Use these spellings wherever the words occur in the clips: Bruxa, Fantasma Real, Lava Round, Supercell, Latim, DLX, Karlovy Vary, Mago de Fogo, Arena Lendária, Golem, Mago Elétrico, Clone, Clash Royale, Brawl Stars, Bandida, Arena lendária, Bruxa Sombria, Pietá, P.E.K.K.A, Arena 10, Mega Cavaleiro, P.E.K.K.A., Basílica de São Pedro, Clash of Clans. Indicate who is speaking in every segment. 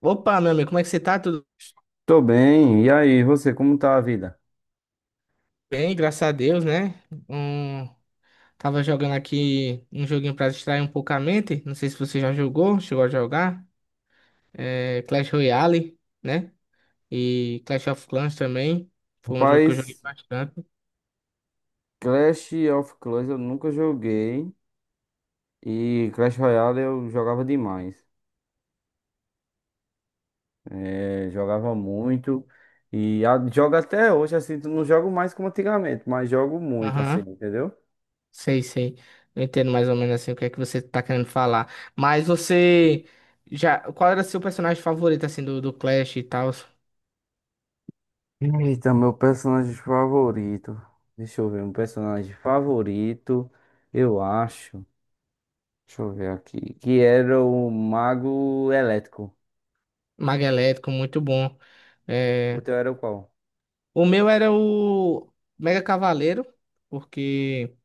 Speaker 1: Opa, meu amigo, como é que você tá? Tudo
Speaker 2: Tô bem, e aí, você, como tá a vida?
Speaker 1: bem? Graças a Deus, né? Hum, tava jogando aqui um joguinho pra distrair um pouco a mente. Não sei se você já jogou, chegou a jogar. É, Clash Royale, né? E Clash of Clans também. Foi um jogo que eu joguei
Speaker 2: Rapaz,
Speaker 1: bastante.
Speaker 2: Clash of Clans eu nunca joguei e Clash Royale eu jogava demais. É, jogava muito e jogo até hoje, assim, não jogo mais como antigamente, mas jogo muito, assim,
Speaker 1: Aham,
Speaker 2: entendeu?
Speaker 1: sei. Eu entendo mais ou menos assim o que é que você tá querendo falar. Mas você já. Qual era seu personagem favorito, assim, do Clash e tal?
Speaker 2: Eita, meu personagem favorito. Deixa eu ver, um personagem favorito, eu acho. Deixa eu ver aqui. Que era o Mago Elétrico.
Speaker 1: Mago Elétrico, muito bom.
Speaker 2: O
Speaker 1: É,
Speaker 2: teu era o qual?
Speaker 1: o meu era o Mega Cavaleiro, porque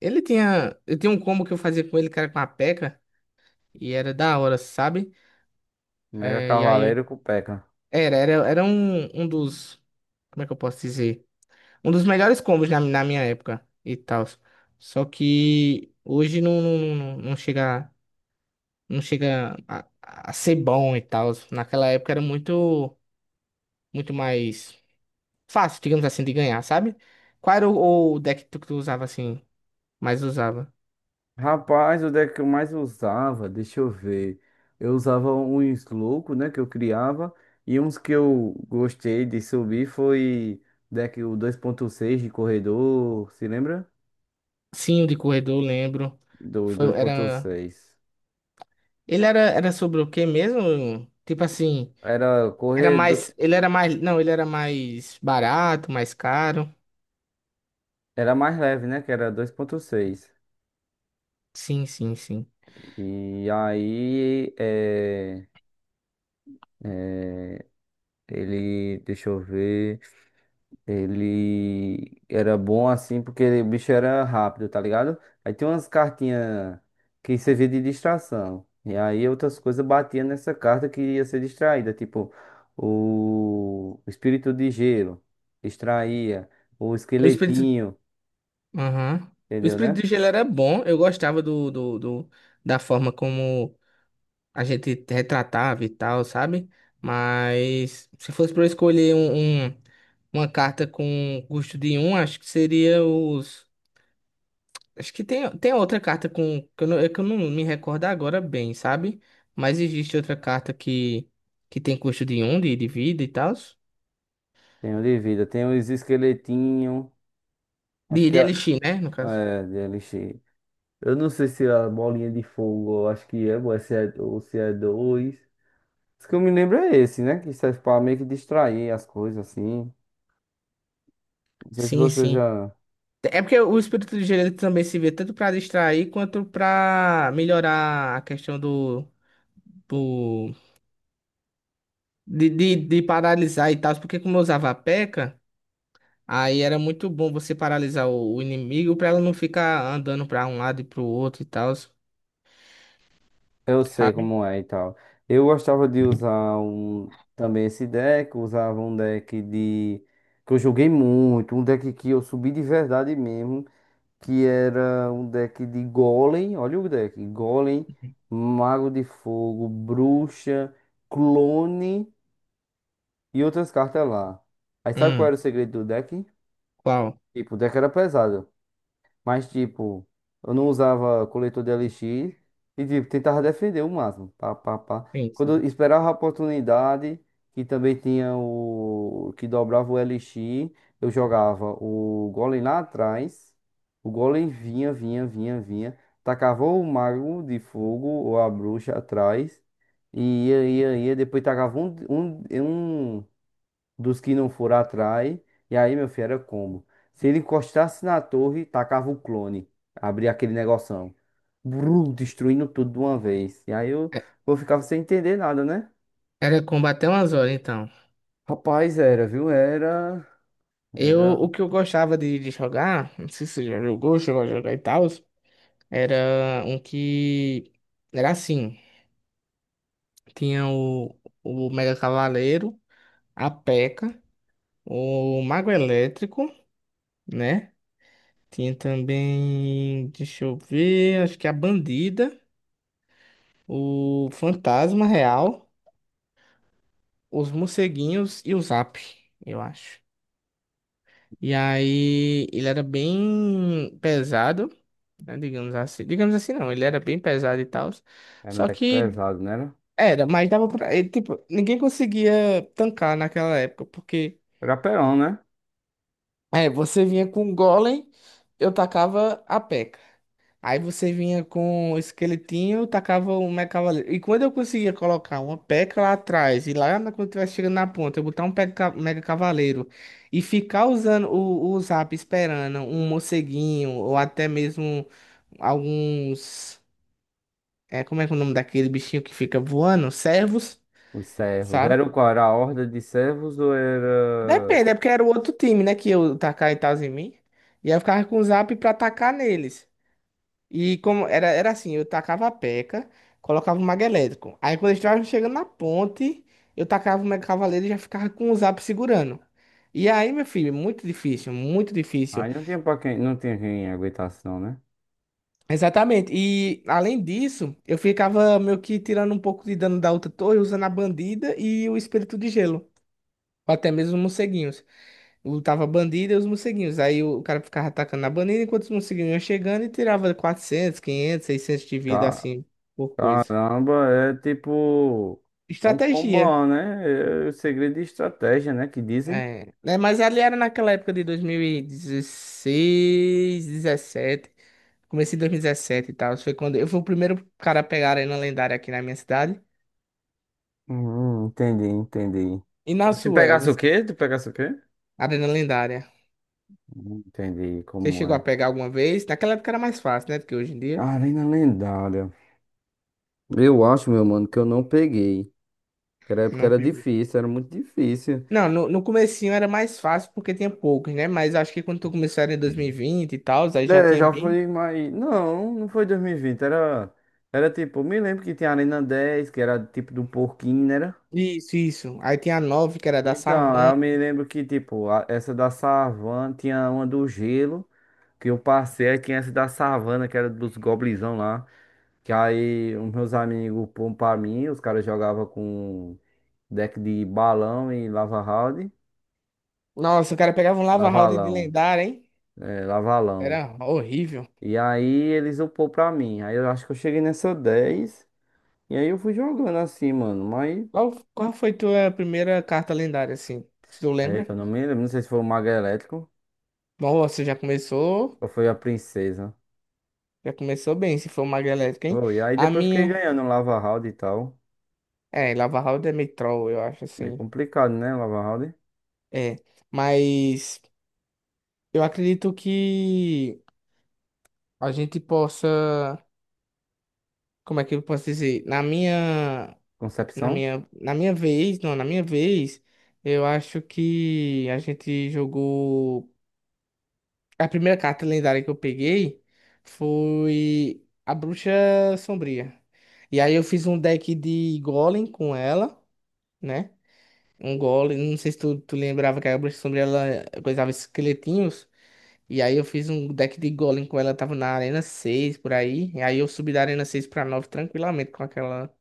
Speaker 1: ele tinha, eu tinha um combo que eu fazia com ele, que era com a P.E.K.K.A, e K K A, e era da hora, sabe?
Speaker 2: Mega
Speaker 1: É, e aí,
Speaker 2: Cavaleiro com P.E.K.K.A.
Speaker 1: era um, como é que eu posso dizer? Um dos melhores combos na minha época e tal. Só que hoje não chega, não chega a ser bom e tal. Naquela época era muito, muito mais fácil, digamos assim, de ganhar, sabe? Qual era o deck que tu usava assim, mais usava?
Speaker 2: Rapaz, onde é que eu mais usava? Deixa eu ver. Eu usava uns loucos, né, que eu criava. E uns que eu gostei de subir foi deck o 2,6 de corredor, se lembra?
Speaker 1: Sim, o de corredor, lembro.
Speaker 2: Do
Speaker 1: Foi,
Speaker 2: dois ponto
Speaker 1: era,
Speaker 2: seis
Speaker 1: era sobre o quê mesmo? Tipo assim,
Speaker 2: Era
Speaker 1: era
Speaker 2: corredor,
Speaker 1: mais, ele era mais, não, ele era mais barato, mais caro.
Speaker 2: era mais leve, né, que era 2,6.
Speaker 1: Sim.
Speaker 2: E aí, é, ele, deixa eu ver. Ele era bom assim porque o bicho era rápido, tá ligado? Aí tem umas cartinhas que servia de distração. E aí outras coisas batiam nessa carta que ia ser distraída, tipo o espírito de gelo, distraía, o
Speaker 1: O espírito,
Speaker 2: esqueletinho,
Speaker 1: aham. O
Speaker 2: entendeu,
Speaker 1: espírito
Speaker 2: né?
Speaker 1: de gelo era bom, eu gostava da forma como a gente retratava e tal, sabe? Mas se fosse para eu escolher uma carta com custo de um, acho que seria os. Acho que tem, tem outra carta com, que eu não, é que eu não me recordo agora bem, sabe? Mas existe outra carta que tem custo de um, de vida e tal.
Speaker 2: Tem o de vida, tem os esqueletinhos, acho que
Speaker 1: De elixir, né? No caso.
Speaker 2: DLX. Eu não sei se é a bolinha de fogo, eu acho que é, ou se é, ou se é dois. Isso que eu me lembro é esse, né? Que serve pra meio que distrair as coisas, assim. Não sei se você
Speaker 1: Sim.
Speaker 2: já.
Speaker 1: É porque o espírito de gerente também se vê tanto pra distrair quanto pra melhorar a questão do, do de paralisar e tal. Porque como eu usava a P.E.K.K.A, aí era muito bom você paralisar o inimigo pra ela não ficar andando pra um lado e pro outro e tal,
Speaker 2: Eu sei
Speaker 1: sabe?
Speaker 2: como é e tal. Eu gostava de usar um, também esse deck. Usava um deck de. Que eu joguei muito. Um deck que eu subi de verdade mesmo. Que era um deck de Golem. Olha o deck. Golem, Mago de Fogo, Bruxa, Clone e outras cartas lá. Aí sabe qual
Speaker 1: Hum,
Speaker 2: era o segredo do deck?
Speaker 1: qual?
Speaker 2: Tipo, o deck era pesado. Mas, tipo, eu não usava coletor de elixir e, tipo, tentava defender o máximo. Pá, pá, pá. Quando eu
Speaker 1: Sim.
Speaker 2: esperava a oportunidade, que também tinha o que dobrava o elixir, eu jogava o golem lá atrás, o golem vinha, vinha, vinha, vinha, tacava o mago de fogo ou a bruxa atrás, e ia, ia, ia, depois tacava um dos que não foram atrás. E aí, meu filho, era combo. Se ele encostasse na torre, tacava o clone. Abria aquele negoção. Destruindo tudo de uma vez. E aí eu,
Speaker 1: É-
Speaker 2: eu ficava sem entender nada, né?
Speaker 1: era combater umas horas, então.
Speaker 2: Rapaz, era, viu? Era.
Speaker 1: Eu,
Speaker 2: Era.
Speaker 1: o que eu gostava de jogar, não sei se você já jogou, chegou a jogar e tal, era um que era assim, tinha o Mega Cavaleiro, a P.E.K.K.A., o Mago Elétrico, né? Tinha também, deixa eu ver, acho que a Bandida, o Fantasma Real, os Morceguinhos e o Zap, eu acho. E aí, ele era bem pesado, né, digamos assim. Digamos assim, não, ele era bem pesado e tal.
Speaker 2: Era um
Speaker 1: Só
Speaker 2: deck
Speaker 1: que
Speaker 2: pesado, né? Era
Speaker 1: era, mas dava pra. Ele, tipo, ninguém conseguia tancar naquela época, porque
Speaker 2: Era Perão, né?
Speaker 1: é, você vinha com um golem, eu tacava a peca. Aí você vinha com um esqueletinho, eu tacava o meu cavaleiro. E quando eu conseguia colocar uma peca lá atrás, e lá na- quando tivesse chegando na ponta, eu botar um peca- mega cavaleiro e ficar usando o zap esperando um morceguinho, ou até mesmo alguns. É, como é que é o nome daquele bichinho que fica voando? Servos,
Speaker 2: Os servos.
Speaker 1: sabe?
Speaker 2: Era o qual? Era a horda de servos ou era.
Speaker 1: Depende, é porque era o outro time, né? Que eu tacar e tal em mim. E aí eu ficava com o zap pra atacar neles. E como era, era assim, eu tacava a peca, colocava o mago elétrico. Aí quando eles estavam chegando na ponte, eu tacava o mega cavaleiro e já ficava com o zap segurando. E aí, meu filho, muito difícil, muito difícil.
Speaker 2: Aí não tinha pra quem. Não tinha quem aguentasse, não, né?
Speaker 1: Exatamente. E além disso, eu ficava meio que tirando um pouco de dano da outra torre, usando a bandida e o espírito de gelo. Ou até mesmo os morceguinhos. Lutava bandido e os morceguinhos. Aí o cara ficava atacando na bandeira enquanto os morceguinhos iam chegando e tirava 400, 500, 600 de vida,
Speaker 2: Ca-
Speaker 1: assim, por coisa.
Speaker 2: Caramba, é tipo. É um
Speaker 1: Estratégia.
Speaker 2: combo, né? É o segredo de estratégia, né? Que dizem.
Speaker 1: É, né? Mas ali era naquela época de 2016, 17. Comecei em 2017 e tal. Foi quando eu fui o primeiro cara a pegar a Arena Lendária aqui na minha cidade.
Speaker 2: Entendi, entendi.
Speaker 1: E na
Speaker 2: Se
Speaker 1: sua,
Speaker 2: pegasse o
Speaker 1: você-.
Speaker 2: quê? Tu pegasse o quê?
Speaker 1: Arena Lendária.
Speaker 2: Entendi
Speaker 1: Você
Speaker 2: como
Speaker 1: chegou a
Speaker 2: é.
Speaker 1: pegar alguma vez? Naquela época era mais fácil, né? Do que hoje em dia.
Speaker 2: Arena lendária. Eu acho, meu mano, que eu não peguei. Aquela época
Speaker 1: Não
Speaker 2: era
Speaker 1: pegou.
Speaker 2: difícil, era muito difícil.
Speaker 1: Não, no comecinho era mais fácil porque tinha poucos, né? Mas acho que quando tu começou era em 2020 e vinte e tal, aí já
Speaker 2: É,
Speaker 1: tinha
Speaker 2: já
Speaker 1: bem.
Speaker 2: foi mais. Não, não foi 2020. Era. Era tipo. Me lembro que tinha a Arena 10, que era tipo do porquinho, né?
Speaker 1: Isso. Aí tinha a nove que era da
Speaker 2: Então, aí
Speaker 1: savan.
Speaker 2: eu me lembro que, tipo, essa da savana tinha uma do gelo, que eu passei, aí tinha essa da savana, que era dos goblinzão lá. Que aí os meus amigos pôr pra mim, os caras jogavam com deck de balão e lava round,
Speaker 1: Nossa, o cara pegava um Lava Round de
Speaker 2: lavalão,
Speaker 1: lendária, hein?
Speaker 2: é, lavalão.
Speaker 1: Era horrível.
Speaker 2: E aí eles upou pra mim. Aí eu acho que eu cheguei nessa 10 e aí eu fui jogando assim, mano. Mas,
Speaker 1: Qual foi tua primeira carta lendária, assim? Se tu
Speaker 2: aí
Speaker 1: lembra?
Speaker 2: eu não me lembro, não sei se foi o Mago Elétrico
Speaker 1: Nossa, já começou.
Speaker 2: ou foi a Princesa.
Speaker 1: Já começou bem, se for uma galética, hein?
Speaker 2: Foi. E aí
Speaker 1: A
Speaker 2: depois eu fiquei
Speaker 1: minha.
Speaker 2: ganhando lava round e tal.
Speaker 1: É, Lava Round é meio troll, eu acho,
Speaker 2: Meio
Speaker 1: assim.
Speaker 2: complicado, né? Lava House.
Speaker 1: É. Mas eu acredito que a gente possa. Como é que eu posso dizer?
Speaker 2: Concepção.
Speaker 1: Na minha vez, não, na minha vez, eu acho que a gente jogou. A primeira carta lendária que eu peguei foi a Bruxa Sombria. E aí eu fiz um deck de Golem com ela, né? Um Golem, não sei se tu lembrava que a Bruxa Sombria ela coisava esqueletinhos. E aí eu fiz um deck de Golem com ela, tava na Arena 6 por aí. E aí eu subi da Arena 6 pra 9 tranquilamente com aquela.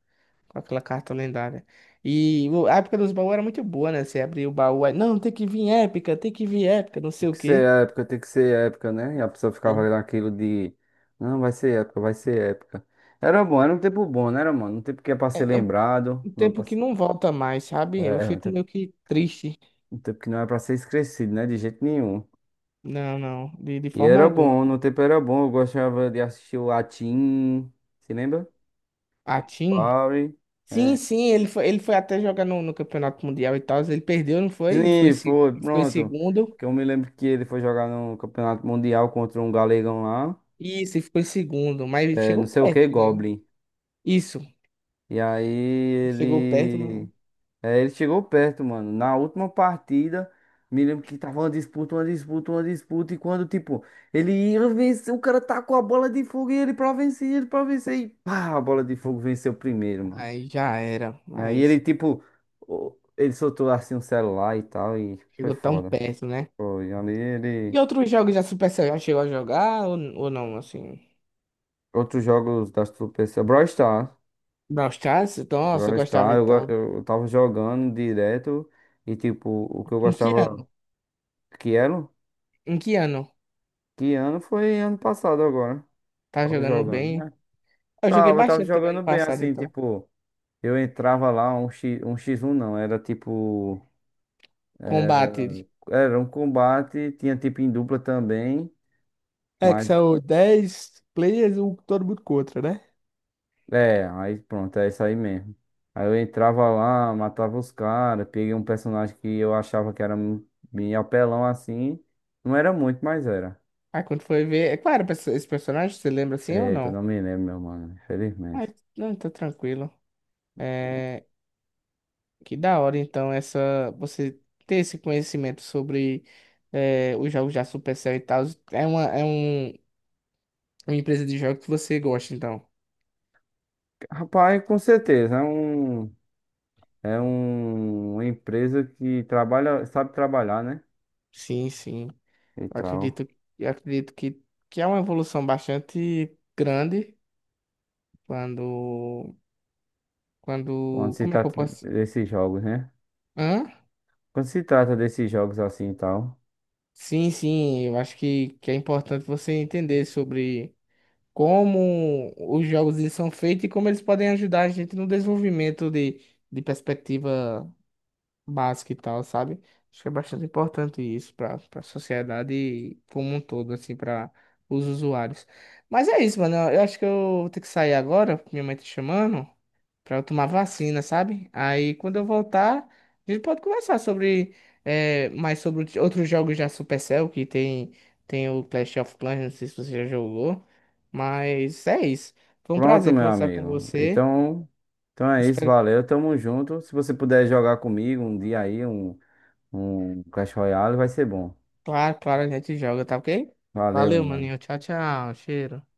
Speaker 1: Com aquela carta lendária. E o- a época dos baús era muito boa, né? Você abria o baú, aí, não, tem que vir épica, tem que vir épica, não
Speaker 2: Tem
Speaker 1: sei o
Speaker 2: que ser
Speaker 1: quê.
Speaker 2: época, tem que ser época, né? E a pessoa ficava
Speaker 1: E
Speaker 2: olhando aquilo de. Não, vai ser época, vai ser época. Era bom, era um tempo bom, né, era, mano? Um tempo que é pra
Speaker 1: é
Speaker 2: ser
Speaker 1: é um
Speaker 2: lembrado.
Speaker 1: um
Speaker 2: Não é
Speaker 1: tempo
Speaker 2: pra...
Speaker 1: que
Speaker 2: ser-
Speaker 1: não volta mais, sabe? Eu
Speaker 2: É,
Speaker 1: fico meio que triste.
Speaker 2: um tempo que não é pra ser esquecido, né? De jeito nenhum.
Speaker 1: Não, não, de
Speaker 2: E
Speaker 1: forma
Speaker 2: era
Speaker 1: alguma.
Speaker 2: bom, no tempo era bom. Eu gostava de assistir o Latim. Se lembra?
Speaker 1: A Tim?
Speaker 2: Power. É.
Speaker 1: Sim, ele foi até jogar no Campeonato Mundial e tal, ele perdeu, não foi? E ficou, em
Speaker 2: Sim,
Speaker 1: se-
Speaker 2: foi,
Speaker 1: e ficou em
Speaker 2: pronto.
Speaker 1: segundo.
Speaker 2: Que eu me lembro que ele foi jogar no Campeonato Mundial contra um galegão lá.
Speaker 1: Isso, ele ficou em segundo, mas
Speaker 2: É, não
Speaker 1: chegou
Speaker 2: sei o que,
Speaker 1: perto, né?
Speaker 2: Goblin.
Speaker 1: Isso,
Speaker 2: E aí
Speaker 1: chegou perto, mas
Speaker 2: ele. É, ele chegou perto, mano. Na última partida, me lembro que tava uma disputa, uma disputa, uma disputa. E quando, tipo, ele ia vencer, o cara tacou a bola de fogo e ele pra vencer, ele pra vencer. E pá, a bola de fogo venceu primeiro, mano.
Speaker 1: aí já era,
Speaker 2: E aí ele,
Speaker 1: mas
Speaker 2: tipo, ele soltou assim um celular e tal. E foi
Speaker 1: chegou tão
Speaker 2: foda.
Speaker 1: perto, né?
Speaker 2: Foi. Ali
Speaker 1: E
Speaker 2: ele.
Speaker 1: outros jogos da Supercell já chegou a jogar ou não, assim?
Speaker 2: Outros jogos da PC. Brawl Stars.
Speaker 1: Brawl Stars? Nossa, eu
Speaker 2: Brawl
Speaker 1: gostava
Speaker 2: Stars,
Speaker 1: então.
Speaker 2: eu tava jogando direto. E, tipo, o que eu
Speaker 1: Em que
Speaker 2: gostava.
Speaker 1: ano?
Speaker 2: Que era?
Speaker 1: Em que ano?
Speaker 2: Que ano foi ano passado agora.
Speaker 1: Tá
Speaker 2: Tava
Speaker 1: jogando
Speaker 2: jogando,
Speaker 1: bem?
Speaker 2: né?
Speaker 1: Eu joguei
Speaker 2: Tava
Speaker 1: bastante também
Speaker 2: jogando
Speaker 1: no
Speaker 2: bem,
Speaker 1: passado,
Speaker 2: assim,
Speaker 1: então.
Speaker 2: tipo, eu entrava lá, um X, um X1 não, era tipo,
Speaker 1: Combate.
Speaker 2: era um combate, tinha tipo em dupla também,
Speaker 1: É que
Speaker 2: mas,
Speaker 1: são 10 players, um todo mundo contra, né?
Speaker 2: é, aí pronto, é isso aí mesmo. Aí eu entrava lá, matava os caras, peguei um personagem que eu achava que era meio apelão assim, não era muito, mas era.
Speaker 1: Aí quando foi ver. É claro, esse personagem, você lembra assim ou
Speaker 2: Eita, eu
Speaker 1: não?
Speaker 2: não me lembro, meu mano, infelizmente.
Speaker 1: Mas não, tá tranquilo. É. Que da hora, então, essa. Você ter esse conhecimento sobre é, os jogos da Supercell e tal. É uma, é um. Uma empresa de jogos que você gosta, então.
Speaker 2: Rapaz, com certeza, é um. É um, uma empresa que trabalha, sabe trabalhar, né?
Speaker 1: Sim.
Speaker 2: E tal.
Speaker 1: Acredito, acredito que é uma evolução bastante grande quando,
Speaker 2: Quando
Speaker 1: quando,
Speaker 2: se
Speaker 1: como é que eu
Speaker 2: trata
Speaker 1: posso?
Speaker 2: desses jogos, né?
Speaker 1: Hã?
Speaker 2: Quando se trata desses jogos assim e tal.
Speaker 1: Sim. Eu acho que é importante você entender sobre como os jogos eles são feitos e como eles podem ajudar a gente no desenvolvimento de perspectiva básica e tal, sabe? Acho que é bastante importante isso para para a sociedade como um todo, assim, para os usuários. Mas é isso, mano. Eu acho que eu vou ter que sair agora, minha mãe tá chamando, para eu tomar vacina, sabe? Aí quando eu voltar, a gente pode conversar sobre é mais sobre outros outros jogos da Supercell, que tem, tem o Clash of Clans, não sei se você já jogou, mas é isso. Foi um
Speaker 2: Pronto,
Speaker 1: prazer
Speaker 2: meu
Speaker 1: conversar com
Speaker 2: amigo.
Speaker 1: você.
Speaker 2: Então, é isso,
Speaker 1: Espero que.
Speaker 2: valeu. Tamo junto. Se você puder jogar comigo um dia aí, um Clash Royale, vai ser bom.
Speaker 1: Claro, a gente joga, tá ok?
Speaker 2: Valeu,
Speaker 1: Valeu,
Speaker 2: meu mano.
Speaker 1: maninho. Tchau, tchau. Cheiro.